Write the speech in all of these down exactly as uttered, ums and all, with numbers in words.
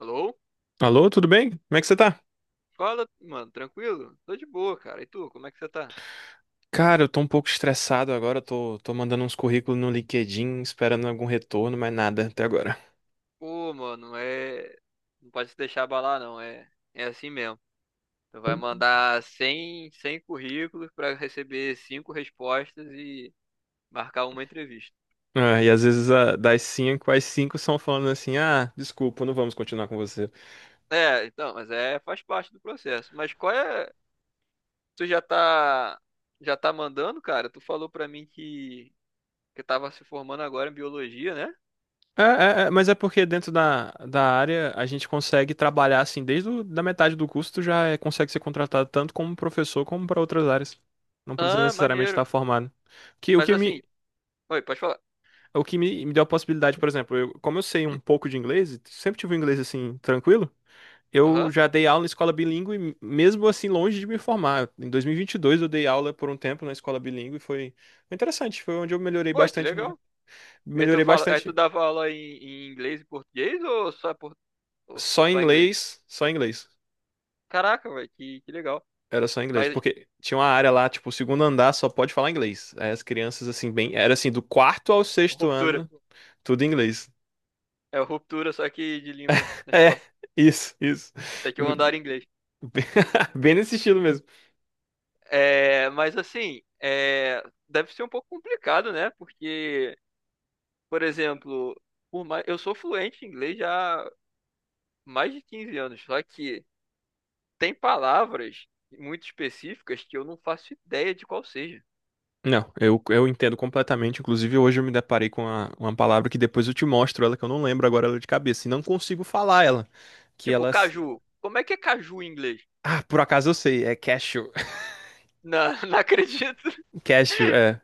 Alô? Alô, tudo bem? Como é que você tá? Fala, mano, tranquilo? Tô de boa, cara. E tu, como é que você tá? Cara, eu tô um pouco estressado agora, tô, tô mandando uns currículos no LinkedIn, esperando algum retorno, mas nada até agora. Pô, mano, é. Não pode se deixar abalar, não. É, é assim mesmo. Tu vai mandar cem, cem currículos pra receber cinco respostas e marcar uma entrevista. Ah, e às vezes ah, das cinco, as cinco são falando assim, ah, desculpa, não vamos continuar com você. É, então, mas é, faz parte do processo. Mas qual é. Tu já tá. Já tá mandando, cara? Tu falou pra mim que. Que tava se formando agora em biologia, né? É, é, é, mas é porque dentro da, da área a gente consegue trabalhar assim, desde o, da metade do curso tu já é- consegue ser contratado tanto como professor como para outras áreas. Não precisa Ah, necessariamente estar maneiro. formado. Que, o Mas que me, assim. Oi, pode falar. É O que me, me deu a possibilidade, por exemplo, eu- como eu sei um pouco de inglês, sempre tive um inglês assim, tranquilo. Eu Aham. já dei aula em escola bilíngue, mesmo assim, longe de me formar. Em dois mil e vinte e dois eu dei aula por um tempo na escola bilíngue e foi foi interessante, foi onde eu melhorei Pô, que bastante, legal. E tu melhorei fala, aí tu bastante. dava aula em, em inglês e português ou só, por, ou Só em só inglês? inglês, só em inglês. Caraca, velho, que, que legal. Era só em inglês, Mas porque tinha uma área lá, tipo, o segundo andar só pode falar inglês. Aí as crianças, assim, bem, era assim, do quarto ao sexto ruptura. ano, tudo em inglês. É ruptura, só que de língua na É, escola. isso, isso. Esse aqui é o andar em inglês. Bem nesse estilo mesmo. É, mas assim, é, deve ser um pouco complicado, né? Porque, por exemplo, por mais, eu sou fluente em inglês já há mais de quinze anos, só que tem palavras muito específicas que eu não faço ideia de qual seja. Não, eu, eu entendo completamente. Inclusive, hoje eu me deparei com uma, uma palavra que depois eu te mostro ela, que eu não lembro agora, ela é de cabeça. E não consigo falar ela. Que Tipo, elas. caju. Como é que é caju em inglês? Ah, por acaso eu sei. É cashew. Não, não acredito. Cashew, é.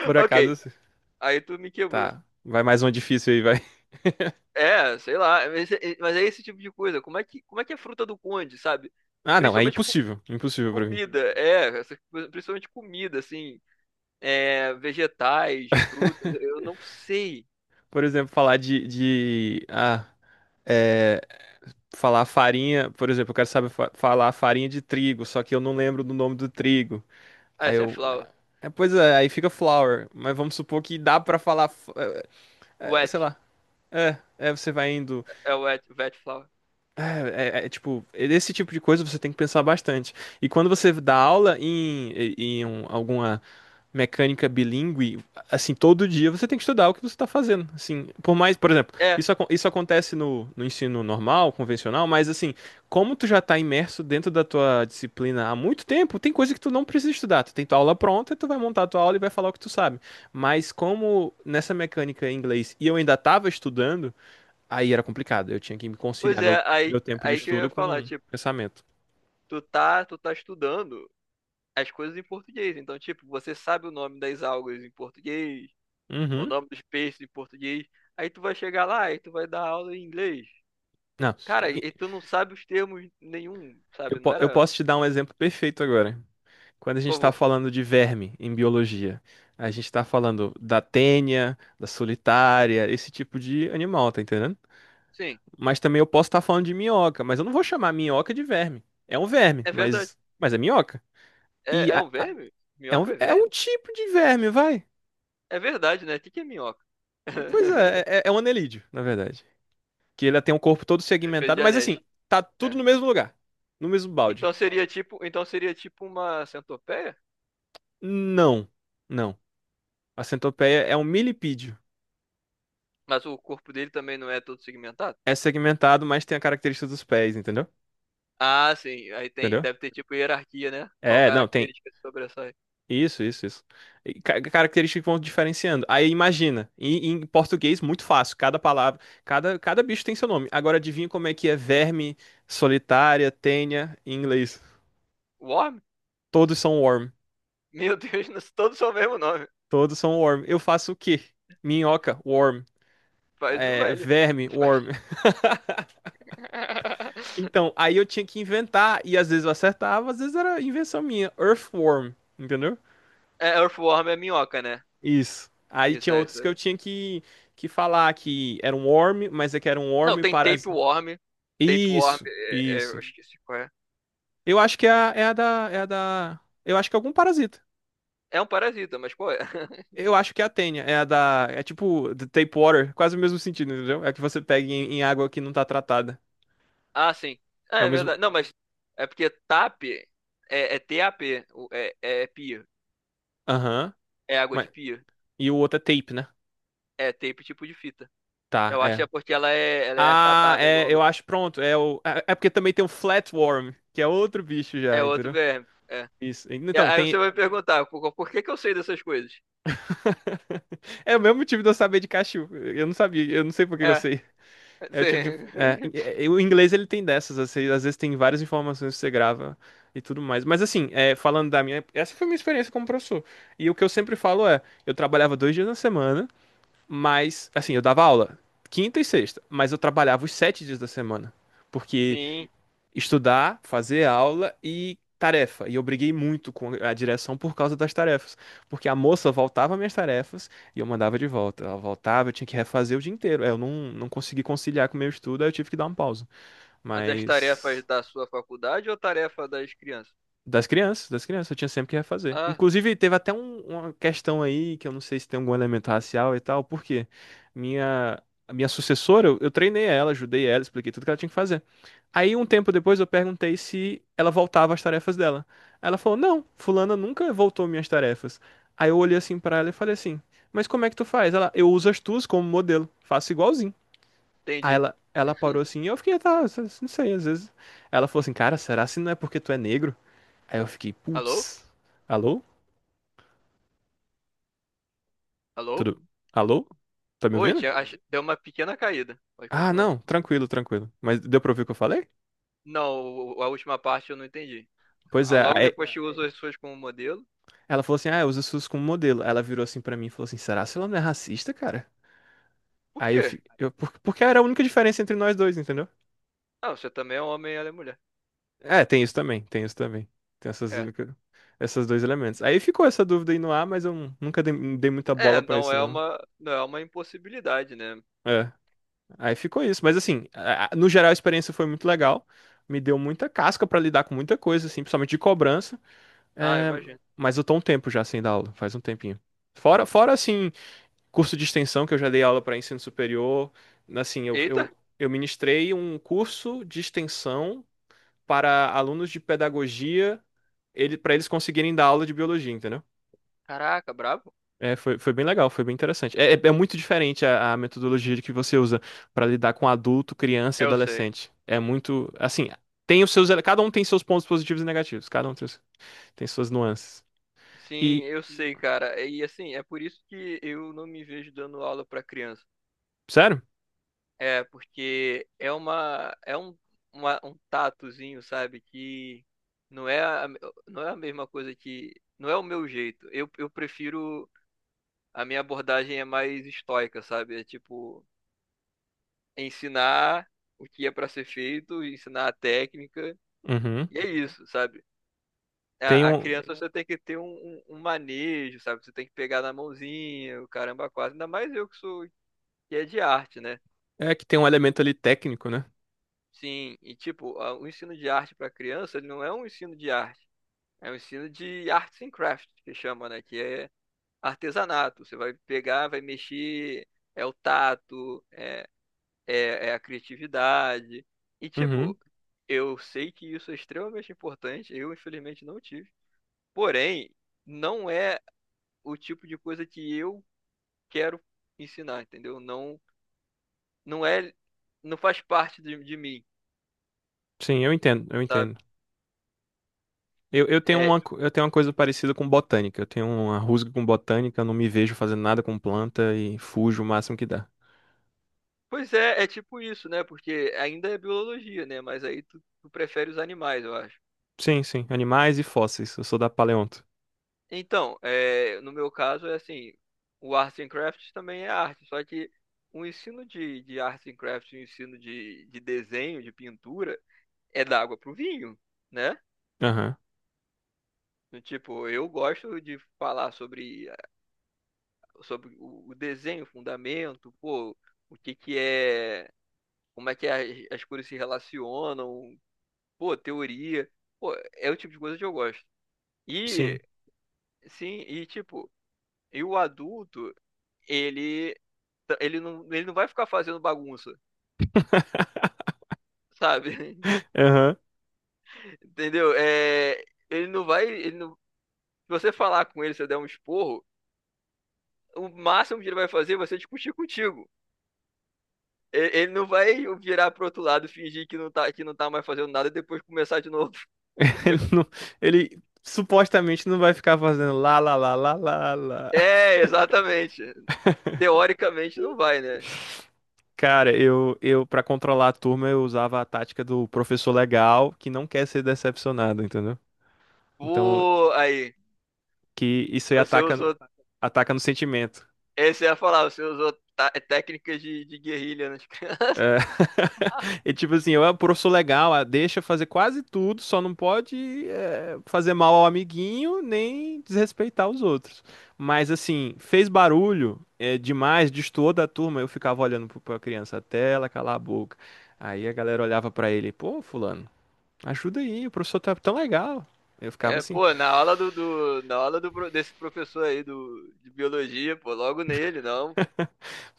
Por Ok, acaso eu sei. aí tu me quebrou. Tá. Vai mais uma difícil aí, vai. É, sei lá, mas é mas é esse tipo de coisa. Como é que, como é que é fruta do conde, sabe? Ah, não. É Principalmente co- impossível. Impossível pra mim. comida, é, essas coisas- principalmente comida, assim, é, vegetais, frutas, eu não sei. Por exemplo, falar de, de... Ah, é. Falar farinha. Por exemplo, eu quero saber fa- falar farinha de trigo, só que eu não lembro do nome do trigo. Ah, Aí esse é eu. flower, É, pois é, aí fica flower. Mas vamos supor que dá pra falar. F- é, é, wet, sei lá. É, é, você vai indo. é wet, wet flower. É, é, é, tipo, esse tipo de coisa você tem que pensar bastante. E quando você dá aula em, em um- alguma mecânica bilíngue, assim, todo dia você tem que estudar o que você está fazendo. Assim, por mais, por exemplo, É, isso, acon- isso acontece no, no ensino normal, convencional, mas assim, como tu já está imerso dentro da tua disciplina há muito tempo, tem coisa que tu não precisa estudar. Tu tem tua aula pronta, tu vai montar a tua aula e vai falar o que tu sabe. Mas como nessa mecânica em inglês, e eu ainda estava estudando, aí era complicado. Eu tinha que me pois conciliar meu, é, aí, meu tempo de aí que eu estudo ia falar, com tipo, pensamento. tu tá, tu tá estudando as coisas em português, então, tipo, você sabe o nome das algas em português, o Uhum. nome dos peixes em português, aí tu vai chegar lá e tu vai dar aula em inglês. Não, Cara, e tu não sabe os termos nenhum, eu, sabe? Não po- eu era. posso te dar um exemplo perfeito agora. Quando a gente Por está favor. falando de verme em biologia, a gente está falando da tênia, da solitária, esse tipo de animal, tá entendendo? Sim, Mas também eu posso estar falando de minhoca, mas eu não vou chamar minhoca de verme. É um verme, é verdade. mas, mas é minhoca. E É, é a- um a- verme? é um, Minhoca é é um verme? tipo de verme, vai. É verdade, né? O que que é minhoca? Pois é, é, é um anelídeo, na verdade. Que ele tem um corpo todo Fez segmentado, de mas anéis. assim, tá tudo É. no mesmo lugar, no mesmo balde. Então seria tipo, então seria tipo uma centopeia? Não, não. A centopeia é um milipídio. Mas o corpo dele também não é todo segmentado? É segmentado, mas tem a característica dos pés, entendeu? Ah, sim. Aí tem, Entendeu? deve ter tipo hierarquia, né? Qual É, não, tem. característica se sobressai? Isso, isso, isso. E ca- características que vão diferenciando. Aí imagina, em, em português, muito fácil. Cada palavra, cada, cada bicho tem seu nome. Agora adivinha como é que é verme, solitária, tênia, em inglês. Worm? Todos são worm. Meu Deus, nós- todos são o mesmo nome. Todos são worm. Eu faço o quê? Minhoca, worm. Faz o É, L. verme, worm. Faz- Então, aí eu tinha que inventar, e às vezes eu acertava, às vezes era invenção minha. Earthworm, entendeu? É, Earthworm é minhoca, né? Isso. Aí Isso tinha é outros que eu isso. tinha que, que falar que era um worm, mas é que era um Não, worm tem parasita. tapeworm. Tapeworm, Isso, é, é, isso. eu esqueci qual é. Eu acho que é a, é a da. É a da. Eu acho que é algum parasita. É um parasita, mas qual é? Eu acho que é a tênia. É a da. É tipo the tape water, quase o mesmo sentido, entendeu? É que você pega em, em água que não tá tratada. Ah, sim. Ah, É o é mesmo. verdade. Não, mas é porque TAP é, é TAP, o- é, é pia. Aham. É água de Mas. pia. E o outro é tape, né? É tape tipo de fita. Tá, Eu acho que é. é porque ela é, ela é Ah, achatada e é, longa. eu acho pronto. É, o, é é porque também tem o Flatworm, que é outro bicho É já, outro entendeu? verme. É. Isso. E Então, aí tem. você vai me perguntar, por, por que que eu sei dessas coisas? É o mesmo motivo de eu saber de cachorro. Eu não sabia, eu não sei por que que eu É, sei. É o tipo de. sim. É, é, é, o inglês ele tem dessas, assim, às vezes tem várias informações que você grava e tudo mais. Mas assim, é, falando da minha. Essa foi a minha experiência como professor. E o que eu sempre falo é: eu trabalhava dois dias na semana, mas. Assim, eu dava aula quinta e sexta, mas eu trabalhava os sete dias da semana. Porque Sim. estudar, fazer aula e tarefa. E eu briguei muito com a direção por causa das tarefas, porque a moça voltava minhas tarefas e eu mandava de volta. Ela voltava, eu tinha que refazer o dia inteiro. Aí eu não, não consegui conciliar com o meu estudo, aí eu tive que dar uma pausa. As das tarefas Mas da sua faculdade ou tarefa das crianças? das crianças, das crianças, eu tinha sempre que refazer. Ah, Inclusive, teve até um- uma questão aí, que eu não sei se tem algum elemento racial e tal, porque minha, a minha sucessora, eu, eu treinei ela, ajudei ela, expliquei tudo que ela tinha que fazer. Aí, um tempo depois, eu perguntei se ela voltava às tarefas dela. Ela falou, não, fulana nunca voltou minhas tarefas. Aí eu olhei assim pra ela e falei assim, mas como é que tu faz? Ela, eu uso as tuas como modelo, faço igualzinho. Aí entendi. ela, ela parou assim, e eu fiquei, tá, não sei, às vezes. Ela falou assim, cara, será se não é porque tu é negro? Aí eu fiquei, Alô? putz, alô? Alô? Tudo? Alô? Tá me Oi, ouvindo? tinha, ach- deu uma pequena caída. Pode Ah, continuar. não, tranquilo, tranquilo. Mas deu pra ouvir o que eu falei? Não, o- a última parte eu não entendi. Pois Ah, é, logo aí depois que usa as suas como modelo. ela falou assim, ah, usa SUS como modelo. Ela virou assim pra mim e falou assim, será que ela não é racista, cara? Por Aí eu quê? fiquei, eu, por- porque era a única diferença entre nós dois, entendeu? Ah, você também é um homem e ela é mulher. É, tem isso também, tem isso também. Tem essas, É. única- esses dois elementos. Aí ficou essa dúvida aí no ar, mas eu nunca dei, dei muita É, bola pra não isso, é não. uma, não é uma impossibilidade, né? É. Aí ficou isso. Mas assim, a- a- no geral a experiência foi muito legal. Me deu muita casca pra lidar com muita coisa, assim, principalmente de cobrança. Ah, É. imagina. Mas eu tô um tempo já sem dar aula, faz um tempinho. Fora, fora assim, curso de extensão que eu já dei aula para ensino superior. Assim, eu, Eita! eu, eu ministrei um curso de extensão para alunos de pedagogia, ele, para eles conseguirem dar aula de biologia, entendeu? Caraca, brabo. É, foi, foi bem legal, foi bem interessante. É, é- é muito diferente a, a metodologia de que você usa para lidar com adulto, criança e Eu sei. adolescente. É muito, assim, tem os seus, ele- cada um tem seus pontos positivos e negativos, cada um tem, os- tem suas nuances. Sim, E, eu sei, cara. E assim, é por isso que eu não me vejo dando aula pra criança. sério? É, porque é uma é um, uma- um tatozinho, sabe, que não é a, não é a mesma coisa, que não é o meu jeito. Eu, eu prefiro, a minha abordagem é mais estoica, sabe? É tipo ensinar o que é pra ser feito, ensinar a técnica, Uhum. e é isso, sabe? Tem A, a um, criança você tem que ter um, um, um manejo, sabe? Você tem que pegar na mãozinha, o caramba quase, ainda mais eu que sou que é de arte, né? é que tem um elemento ali técnico, né? Sim, e tipo, a- o ensino de arte para criança, ele não é um ensino de arte, é um ensino de arts and crafts, que chama, né, que é artesanato. Você vai pegar, vai mexer, é o tato, é, é, é a criatividade. E Uhum. tipo, eu sei que isso é extremamente importante, eu infelizmente não tive. Porém, não é o tipo de coisa que eu quero ensinar, entendeu? Não, não é, não faz parte de, de mim, Sim, eu entendo, eu sabe? entendo. Eu, eu tenho É, uma, co- eu tenho uma coisa parecida com botânica. Eu tenho uma rusga com botânica, eu não me vejo fazendo nada com planta e fujo o máximo que dá. pois é, é tipo isso, né? Porque ainda é biologia, né? Mas aí tu, tu prefere os animais, eu acho. Sim, sim, animais e fósseis. Eu sou da paleonto. Então, é, no meu caso, é assim, o Arts and Crafts também é arte, só que o ensino de, de Arts and Crafts, o ensino de, de desenho, de pintura, é da água pro vinho, né? Aham. Do tipo, eu gosto de falar sobre, sobre o o desenho, o fundamento, pô, o que que é, como é que as as cores se relacionam, pô, teoria. Pô, é o tipo de coisa que eu gosto. Sim. E sim, e tipo, e o adulto, ele ele não, ele não vai ficar fazendo bagunça, sabe? Aham. Entendeu? É, ele não vai, ele não, se você falar com ele, se você der um esporro, o máximo que ele vai fazer é você discutir contigo. E- ele não vai virar pro outro lado, fingir que não tá, que não tá mais fazendo nada e depois começar de novo, Ele entendeu? não, ele supostamente não vai ficar fazendo lá, lá, lá, lá, lá, lá. É, exatamente. Teoricamente não vai, né? Cara, eu, eu para controlar a turma, eu usava a tática do professor legal que não quer ser decepcionado, entendeu? Então, Pô, aí, que isso aí você ataca, usou ataca no sentimento. Esse ia falar, você usou tá- técnicas de, de guerrilha nas crianças. É, e tipo assim, eu, é pô, professor legal, ah, deixa fazer quase tudo, só não pode eh, fazer mal ao amiguinho nem desrespeitar os outros. Mas assim, fez barulho eh, demais, destoou da turma, eu ficava olhando pro- pra criança até ela calar a boca. Aí a galera olhava pra ele, pô, fulano, ajuda aí, o professor tá tão legal. Eu ficava É, assim. pô, na aula do, do- na aula do, pro- desse professor aí do, de biologia, pô, logo nele, não. Pô.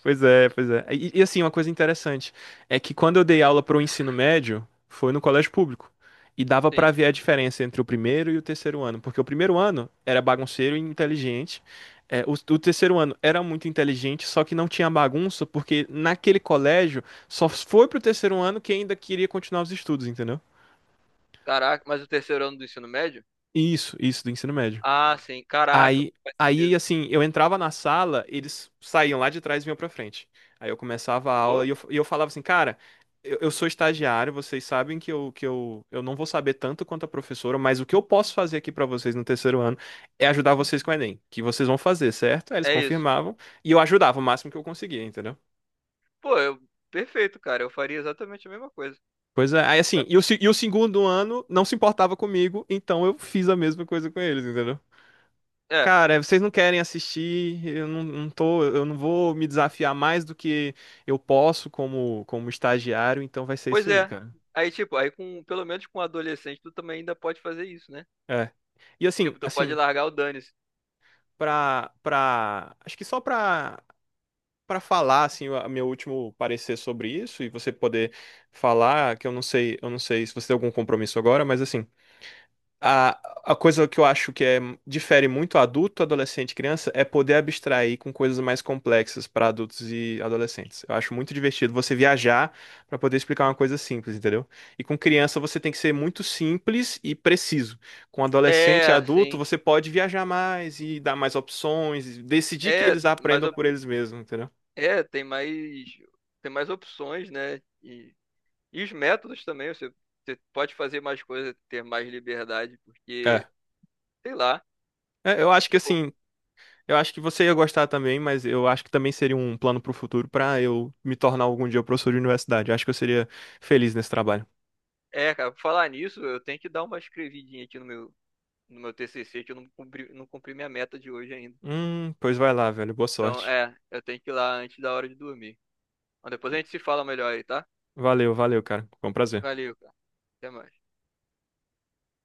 Pois é, pois é. E, e, assim, uma coisa interessante é que quando eu dei aula para o ensino médio, foi no colégio público. E dava para Sim. ver a diferença entre o primeiro e o terceiro ano, porque o primeiro ano era bagunceiro e inteligente. É, o, o terceiro ano era muito inteligente, só que não tinha bagunça, porque naquele colégio só foi pro terceiro ano quem ainda queria continuar os estudos, entendeu? Caraca, mas o terceiro ano do ensino médio? Isso, isso do ensino médio. Ah, sim, caraca, Aí, faz aí, sentido. assim, eu entrava na sala, eles saíam lá de trás e vinham pra frente. Aí eu começava a aula Pô, e eu, e eu falava assim, cara, eu, eu sou estagiário, vocês sabem que, eu, que eu, eu não vou saber tanto quanto a professora, mas o que eu posso fazer aqui pra vocês no terceiro ano é ajudar vocês com o Enem, que vocês vão fazer, certo? Aí eles é isso. confirmavam e eu ajudava o máximo que eu conseguia, entendeu? Pô, eu, perfeito, cara, eu faria exatamente a mesma coisa. Pois é, aí assim, e o, se- e o segundo ano não se importava comigo, então eu fiz a mesma coisa com eles, entendeu? É, Cara, é, vocês não querem assistir, eu não, não tô, eu não vou me desafiar mais do que eu posso como, como estagiário, então vai ser pois isso aí, é. cara. Aí, tipo, aí com, pelo menos com um adolescente, tu também ainda pode fazer isso, né? É. E assim, Tipo, tu pode assim, largar o dane-se. pra, pra, acho que só pra, pra falar, assim, o meu último parecer sobre isso e você poder falar, que eu não sei, eu não sei se você tem algum compromisso agora, mas assim, A, a coisa que eu acho que é, difere muito adulto, adolescente e criança é poder abstrair com coisas mais complexas para adultos e adolescentes. Eu acho muito divertido você viajar para poder explicar uma coisa simples, entendeu? E com criança você tem que ser muito simples e preciso. Com adolescente e É, adulto sim. você pode viajar mais e dar mais opções, e decidir que É, eles mas aprendam eu, por eles mesmos, entendeu? é, tem mais, tem mais opções, né? E, e, os métodos também, você, você pode fazer mais coisas, ter mais liberdade, porque, É. sei lá, É, eu acho que tipo, assim, eu acho que você ia gostar também, mas eu acho que também seria um plano pro futuro pra eu me tornar algum dia professor de universidade. Acho que eu seria feliz nesse trabalho. é, cara, falar nisso, eu tenho que dar uma escrevidinha aqui no meu, no meu T C C, que eu não cumpri, não cumpri minha meta de hoje ainda. Hum, pois vai lá, velho. Boa Então, sorte. é, eu tenho que ir lá antes da hora de dormir. Mas depois a gente se fala melhor aí, tá? Valeu, valeu, cara. Foi um prazer. Valeu, cara. Até mais.